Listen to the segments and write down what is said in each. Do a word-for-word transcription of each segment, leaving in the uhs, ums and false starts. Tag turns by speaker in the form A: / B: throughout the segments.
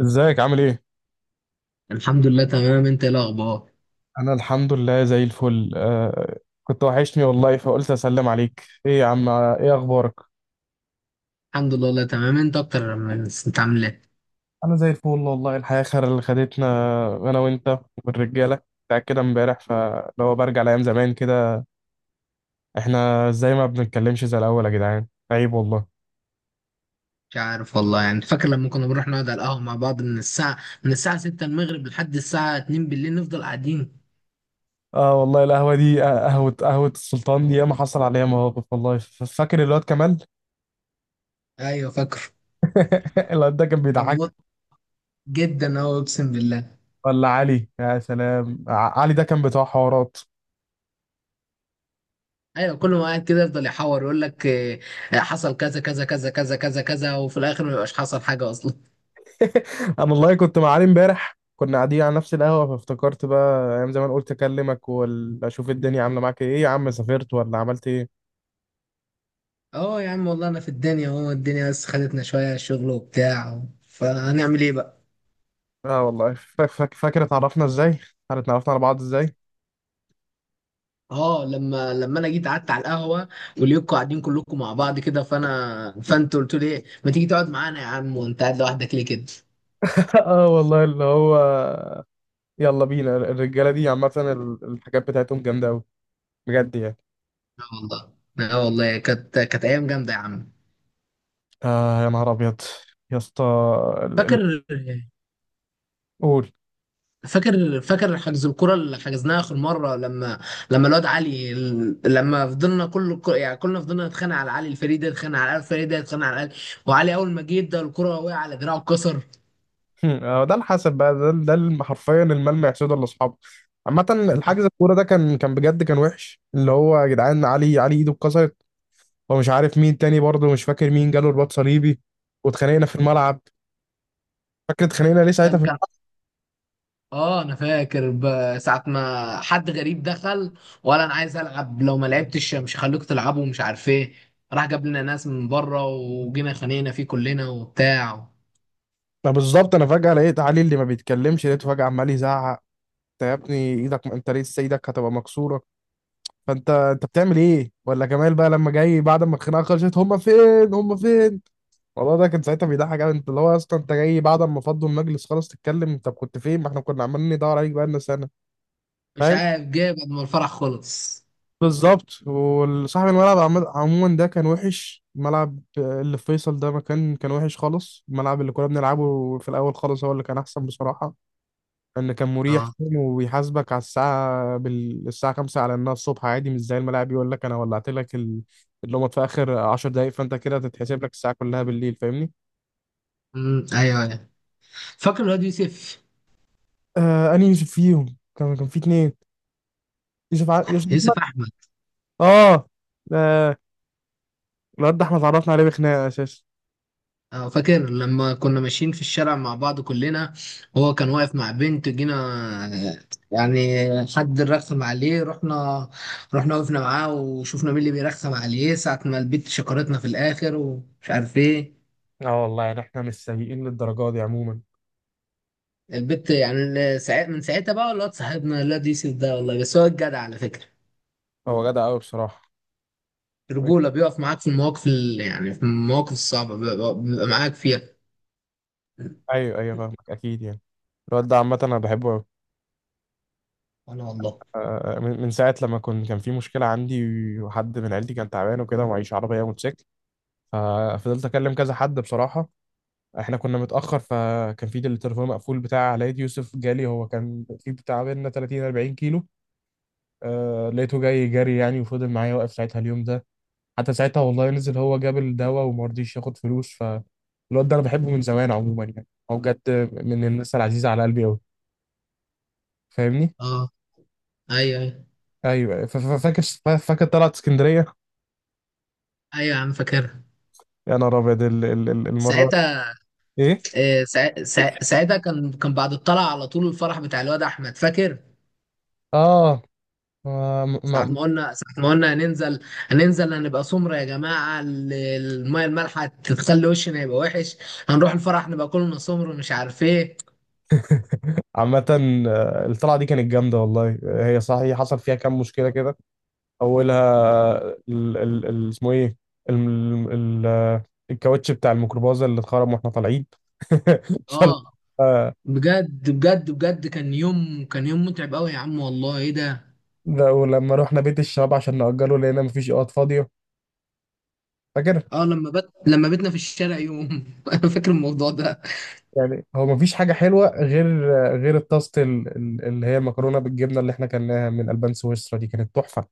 A: ازيك عامل ايه؟
B: الحمد لله تمام، انت ايه الاخبار؟
A: انا الحمد لله زي الفل. آه كنت وحشني والله، فقلت اسلم عليك. ايه يا عم، ايه اخبارك؟
B: الحمد لله والله تمام. انت اكتر من انت عامل ايه؟
A: انا زي الفل والله، الحياة خير اللي خدتنا انا وانت والرجالة بتاع كده امبارح. فلو برجع لايام زمان كده، احنا ازاي ما بنتكلمش زي الاول؟ يا جدعان عيب والله.
B: مش عارف والله، يعني فاكر لما كنا بنروح نقعد على القهوه مع بعض من الساعه من الساعه ستة المغرب لحد الساعه اتنين بالليل نفضل قاعدين.
A: اه والله القهوة دي، آه، قهوة قهوة السلطان دي ياما حصل عليها مواقف والله. ف- فاكر الواد كمال؟
B: ايوه فاكر.
A: الواد ده كان
B: كان
A: بيضحك.
B: مط جدا، هو اقسم بالله.
A: ولا علي، يا سلام، ع- علي ده كان بتاع حوارات.
B: ايوه كل ما قاعد كده يفضل يحور يقول لك اه، حصل كذا كذا كذا كذا كذا كذا وفي الاخر ما يبقاش حصل حاجه اصلا.
A: انا والله كنت مع علي امبارح، كنا قاعدين على نفس القهوه، فافتكرت بقى ايام زمان، قلت اكلمك واشوف الدنيا عامله معاك ايه. يا عم سافرت ولا عملت ايه؟
B: اه يا عم والله انا في الدنيا اهو، الدنيا بس خدتنا شويه شغل وبتاع، فهنعمل ايه بقى.
A: اه والله. فاك- فاك- فاكر اتعرفنا ازاي؟ احنا اتعرفنا على بعض ازاي؟
B: اه لما لما انا جيت قعدت على القهوه وليكوا قاعدين كلكم مع بعض كده، فانا فانت قلت لي إيه، ما تيجي تقعد معانا يا عم وانت قاعد لوحدك ليه كده.
A: اه والله اللي هو، يلا بينا. الرجاله دي عامه ال- الحاجات بتاعتهم جامده قوي، بجد يعني.
B: اه والله. اه والله كانت كانت ايام جامده يا عم.
A: آه يا نهار ابيض، يا اسطى. ال- ال-
B: فاكر،
A: قول.
B: فاكر. فاكر حجز الكرة اللي حجزناها اخر مره لما لما الواد علي، لما فضلنا كل يعني كلنا فضلنا نتخانق على علي، الفريق ده يتخانق على علي، الفريق ده يتخانق على علي، وعلي اول ما جه ادى الكرة وقع على دراعه اتكسر.
A: هم، آه، ده الحسب بقى. ده ده الم- حرفيا الملمع سودا لاصحابه. عامة الحجز الكورة ده كان كان بجد كان وحش. اللي هو يا جدعان، علي علي ايده اتكسرت، ومش عارف مين تاني برضه، مش فاكر مين جاله رباط صليبي. واتخانقنا في الملعب. فاكر اتخانقنا ليه ساعتها
B: كان
A: في.
B: كان اه انا فاكر ب- ساعة ما حد غريب دخل، ولا انا عايز العب، لو ما لعبتش مش هخليكوا تلعبوا ومش عارف ايه. راح جاب لنا ناس من بره وجينا خانينا فيه كلنا وبتاع.
A: ما بالظبط، انا فجأة لقيت علي اللي ما بيتكلمش، لقيته فجأة عمال يزعق: انت يا ابني ايدك، انت لسه ايدك هتبقى مكسورة. فانت انت بتعمل ايه؟ ولا جمال بقى لما جاي بعد ما الخناقة خلصت: هما فين، هما فين؟ والله ده كان ساعتها بيضحك قوي. انت اللي هو اصلا انت جاي بعد ما فضوا المجلس خلاص تتكلم؟ طب كنت فين، ما احنا كنا عمالين ندور عليك بقالنا سنه.
B: مش
A: فاهم؟
B: عارف جاب قبل ما الفرح خلص.
A: بالظبط. وصاحب الملعب عم- عموما ده كان وحش. الملعب اللي في فيصل ده مكان كان وحش خالص. الملعب اللي كنا بنلعبه في الاول خالص هو اللي كان احسن بصراحه، لان كان مريح،
B: اه.
A: فاهم، وبيحاسبك على الساعه بال... الساعه خمسة على انها الصبح عادي. مش زي الملاعب يقول لك انا ولعت لك ال... اللومات في اخر عشر دقائق، فانت كده تتحسب لك الساعه كلها بالليل. فاهمني؟
B: امم ايوه ايوه. فاكر الواد يوسف؟
A: آه انهي فيهم؟ كان كان في اتنين: يوسف، ع... يوسف
B: يوسف
A: احمد.
B: احمد.
A: اه. آه، الواد ده احنا اتعرفنا عليه بخناقه اساسا.
B: آه، فاكر لما كنا ماشيين في الشارع مع بعض كلنا، هو كان واقف مع بنت جينا، آه، يعني حد رخم عليه، رحنا رحنا وقفنا معاه وشفنا مين اللي بيرخم عليه ساعة ما البت شكرتنا في الآخر ومش عارف ايه.
A: اه والله يعني احنا مش سيئين للدرجة دي عموما.
B: البت يعني ال- ساع- من ساعتها بقى الواد صاحبنا، الواد يوسف ده والله بس هو الجدع على فكرة.
A: هو جدع قوي بصراحه.
B: رجولة، بيقف معاك في المواقف ال- يعني في المواقف الصعبة بيبقى بيبقى معاك فيها.
A: ايوه ايوه، فاهمك اكيد يعني. الواد ده عامه انا بحبه قوي.
B: أنا والله.
A: آه، من من ساعه لما كنت، كان في مشكله عندي، وحد من عيلتي كان تعبان وكده ومعيش عربيه موتوسيكل. ففضلت اكلم كذا حد بصراحه. احنا كنا متاخر، فكان في التليفون مقفول بتاع علاء. يوسف جالي، هو كان في بتاع بينا ثلاثين أربعين كيلو. آه لقيته جاي جري يعني، وفضل معايا واقف ساعتها اليوم ده. حتى ساعتها والله نزل، هو جاب الدواء وما رضيش ياخد فلوس. فالواد ده انا بحبه من زمان عموما، يعني هو بجد من الناس العزيزه على قلبي قوي. فاهمني؟
B: اه. ايوه ايوه.
A: ايوه. ف- ف- فاكر فاكر طلعت اسكندريه.
B: ايوه يا عم فاكرها.
A: يا نهار ابيض ال- ال- ال- المره.
B: ساعتها.
A: ايه؟
B: آه، سا- سا- ساعتها كان كان بعد الطلعة على طول الفرح بتاع الواد أحمد فاكر؟
A: اه. ما-
B: ساعة
A: ما-
B: ما قلنا ساعة ما قلنا هننزل، هننزل هنبقى سمرة يا جماعة، ال- المية المالحة تخلي وشنا يبقى وحش، هنروح الفرح نبقى كلنا سمر ومش عارف ايه.
A: عامة، آه، الطلعة دي كانت جامدة والله. آه، هي صحيح حصل فيها كام مشكلة كده. أولها ال ال ال اسمه إيه، ال ال ال- آه، الكاوتش بتاع الميكروباص اللي اتخرم واحنا طالعين. فال-
B: اه
A: آه،
B: بجد بجد بجد، كان يوم كان يوم متعب قوي يا عم والله، ايه ده.
A: ده. ولما رحنا بيت الشباب عشان نأجره لقينا مفيش اوض فاضية، فاكر؟
B: اه لما بت لما بتنا في الشارع يوم انا فاكر الموضوع ده.
A: يعني هو مفيش حاجة حلوة غير غير الطاسة ال- ال- اللي هي مكرونة بالجبنة اللي احنا كلناها من ألبان سويسرا، دي كانت تحفة.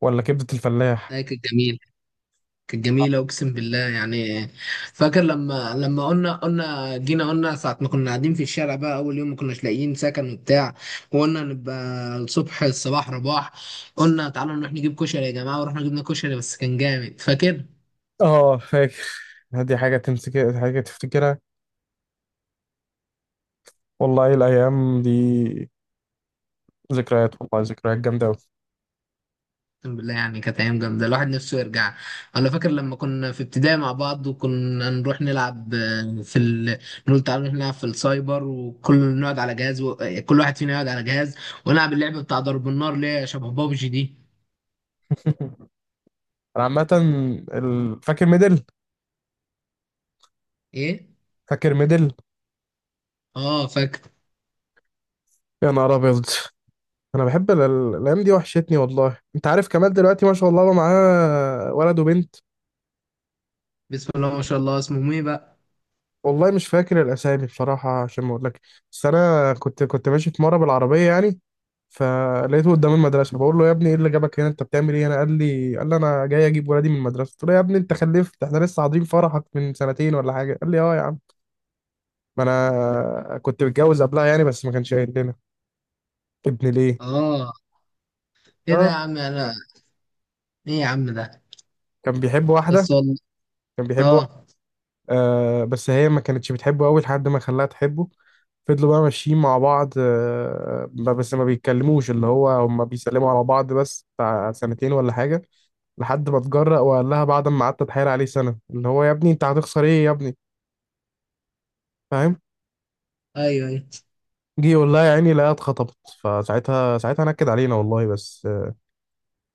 A: ولا كبدة الفلاح.
B: آه، كان جميل، كانت جميلة أقسم بالله يعني. فاكر لما لما قلنا قلنا جينا قلنا ساعة ما كنا قاعدين في الشارع بقى أول يوم ما كناش لاقيين سكن وبتاع، وقلنا نبقى الصبح الصباح رباح، قلنا تعالوا نروح نجيب كشري يا جماعة، ورحنا جبنا كشري بس كان جامد فاكر؟
A: اه فاكر. دي حاجة تمسك، حاجة تفتكرها والله. الأيام دي ذكريات، والله ذكريات جامدة أوي.
B: أقسم بالله يعني كانت أيام جامدة الواحد نفسه يرجع. ولا فاكر لما كنا في ابتدائي مع بعض وكنا نروح نلعب في ال... نقول تعالوا نروح نلعب في السايبر، وكل نقعد على جهاز و... كل واحد فينا يقعد على جهاز ونلعب اللعبة بتاع ضرب النار اللي هي شبه بابجي دي.
A: أنا عامة، ال- فاكر ميدل؟
B: ايه.
A: فاكر ميدل
B: اه فاكر.
A: يا نهار أبيض. أنا بحب ال- ال- الأيام دي، وحشتني والله. أنت عارف كمال دلوقتي ما شاء الله بقى معاه ولد وبنت؟
B: بسم الله ما شاء الله، اسمه مي بقى.
A: والله مش فاكر الاسامي بصراحه عشان ما اقولك، بس انا كنت كنت ماشي في مره بالعربيه يعني، فلقيته قدام المدرسه. بقول له: يا ابني ايه اللي جابك هنا؟ انت بتعمل ايه هنا؟ قال لي قال لي انا جاي اجيب ولادي من المدرسه. قلت له: يا ابني انت خلفت؟ احنا لسه حاضرين فرحك من سنتين ولا حاجه. قال لي: اه يا عم، ما انا كنت متجوز قبلها يعني بس ما كانش قايل لنا. ابن ليه؟
B: اه. ايه ده
A: اه.
B: يا عم انا. ايه يا عم ده.
A: كان بيحب واحده.
B: بس والله.
A: كان بيحب واحده،
B: اه.
A: آه، بس هي ما كانتش بتحبه قوي لحد ما خلاها تحبه. فضلوا بقى ماشيين مع بعض، آه، بس ما بيتكلموش. اللي هو هما بيسلموا على بعض بس بتاع سنتين ولا حاجة، لحد ما اتجرأ وقال لها، بعد ما قعدت اتحايل عليه سنة اللي هو: يا ابني انت هتخسر ايه يا ابني؟ فاهم؟
B: ايوه ايوه.
A: جه يقول لها: يا عيني لا، اتخطبت. فساعتها ساعتها نكد علينا والله، بس آه،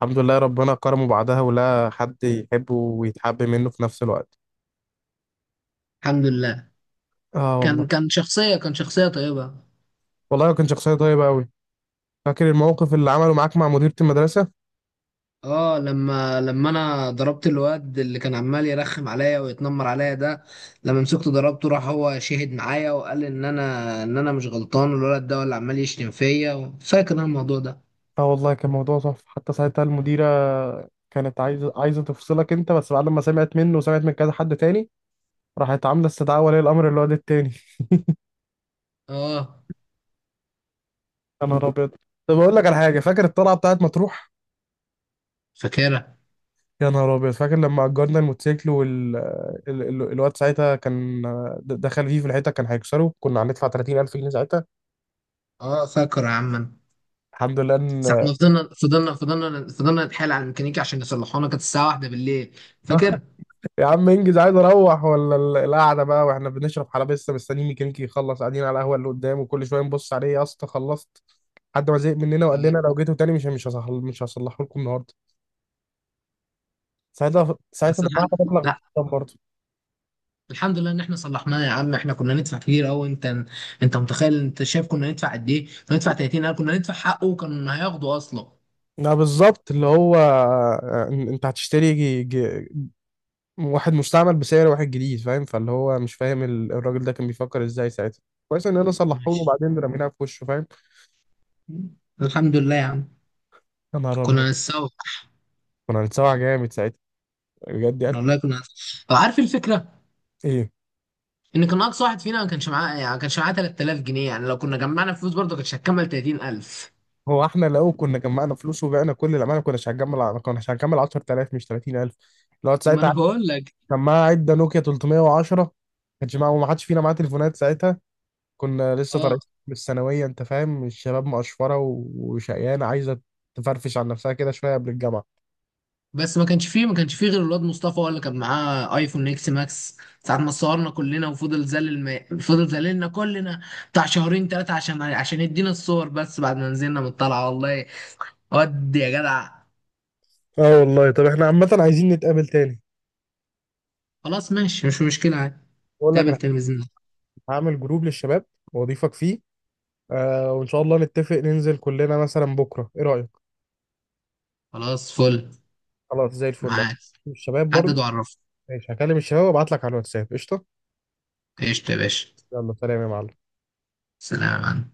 A: الحمد لله ربنا كرمه بعدها، ولا حد يحبه ويتحب منه في نفس الوقت.
B: الحمد لله.
A: اه والله.
B: كان كان شخصيه كان شخصيه طيبه.
A: والله كان شخصية طيبة قوي. فاكر الموقف اللي عمله معاك مع مديرة المدرسة؟
B: اه لما لما انا ضربت الواد اللي كان عمال يرخم عليا ويتنمر عليا ده، لما مسكته ضربته راح هو شهد معايا وقال ان انا ان انا مش غلطان والولد ده هو اللي عمال يشتم فيا، فاكر انا الموضوع ده.
A: اه والله كان موضوع تحفة. حتى ساعتها المديرة كانت عايزة عايزة تفصلك انت، بس بعد ما سمعت منه وسمعت من كذا حد تاني، راحت عاملة استدعاء ولي الأمر للواد التاني.
B: اه
A: يا نهار أبيض. طب أقول لك على حاجة، فاكر الطلعة بتاعت مطروح؟
B: فاكرها.
A: يا نهار أبيض، فاكر لما أجرنا الموتوسيكل. وال ال... ال... الواد ساعتها كان د- دخل فيه في الحتة، كان هيكسره، كنا هندفع تلاتين الف جنيه ساعتها.
B: اه فاكر يا عم أنا.
A: الحمد لله
B: ساعة
A: إن
B: ما فضلنا فضلنا فضلنا فضلنا نتحايل على الميكانيكي عشان يصلحونا كانت الساعة واحدة بالليل فاكر؟
A: يا عم انجز عايز اروح، ولا ال- القعده بقى؟ واحنا بنشرب حلبسه لسه مستنيين ميكانيكي يخلص، قاعدين على القهوه اللي قدام وكل شويه نبص عليه: يا اسطى خلصت؟ لحد ما زهق مننا وقال
B: اه
A: لنا: لو جيتوا تاني مش مش هصحل مش هصلحه لكم النهارده. ساعتها ساعتها
B: بس
A: دفعت
B: الحمد
A: مبلغ مش
B: لا
A: قليل برضه.
B: الحمد لله ان احنا صلحناه يا عم، احنا كنا ندفع كتير قوي. انت انت متخيل انت شايف كنا ندفع قد ايه؟ كنا ندفع تلاتين، كنا ندفع حقه وكان هياخده اصلا.
A: لا بالظبط، اللي هو آه، ان- انت هتشتري جي- جي- واحد مستعمل بسعر واحد جديد، فاهم؟ فاللي هو مش فاهم ال- الراجل ده كان بيفكر ازاي ساعتها. كويس ان انا صلحته له
B: ماشي،
A: وبعدين رميناها في وشه، فاهم؟
B: الحمد لله يا عم.
A: يا نهار ابيض.
B: كنا نتسوق.
A: كنا هنتسوح جامد ساعتها، بجد يعني.
B: والله كنا نتسوق. أو عارف الفكرة،
A: ايه؟
B: ان كان اقصى واحد فينا ما كانش معاه يعني ما كانش معاه تلات تلاف جنيه، يعني لو كنا جمعنا فلوس برضه كانتش هتكمل تلاتين الف.
A: هو احنا لو كنا جمعنا فلوس وبعنا كل اللي عملنا كناش هنجمع، ما كناش هنكمل عشرة آلاف مش تلاتين الف. لو
B: ما
A: ساعتها
B: انا بقول لك.
A: كان معاه عده نوكيا تلتميه وعشرة، ما كانش معاه وما حدش فينا معاه تليفونات ساعتها. كنا لسه
B: اه
A: طالعين من الثانويه. انت فاهم، الشباب مقشفره و- وشقيانه عايزه تفرفش عن نفسها كده شويه قبل الجامعه.
B: بس ما كانش فيه ما كانش فيه غير الواد مصطفى هو اللي كان معاه ايفون اكس ماكس. ساعة ما صورنا كلنا وفضل زلل ما... فضل زللنا كلنا بتاع شهرين ثلاثة عشان عشان يدينا الصور بس بعد ما نزلنا من الطلعة والله. ود يا جدع.
A: اه والله. طب احنا عامه عايزين نتقابل تاني.
B: خلاص ماشي، مش مشكلة عادي.
A: بقول لك
B: تقابل
A: انا،
B: تلفزيون.
A: هعمل جروب للشباب واضيفك فيه. آه، وان شاء الله نتفق ننزل كلنا مثلا بكره، ايه رايك؟
B: خلاص فل.
A: خلاص زي الفل.
B: معاك.
A: الشباب
B: حدد
A: برضه.
B: وعرفني.
A: ماشي، هكلم الشباب وابعت لك على الواتساب. قشطه.
B: قشطة يا باشا.
A: يلا سلام يا معلم.
B: سلام.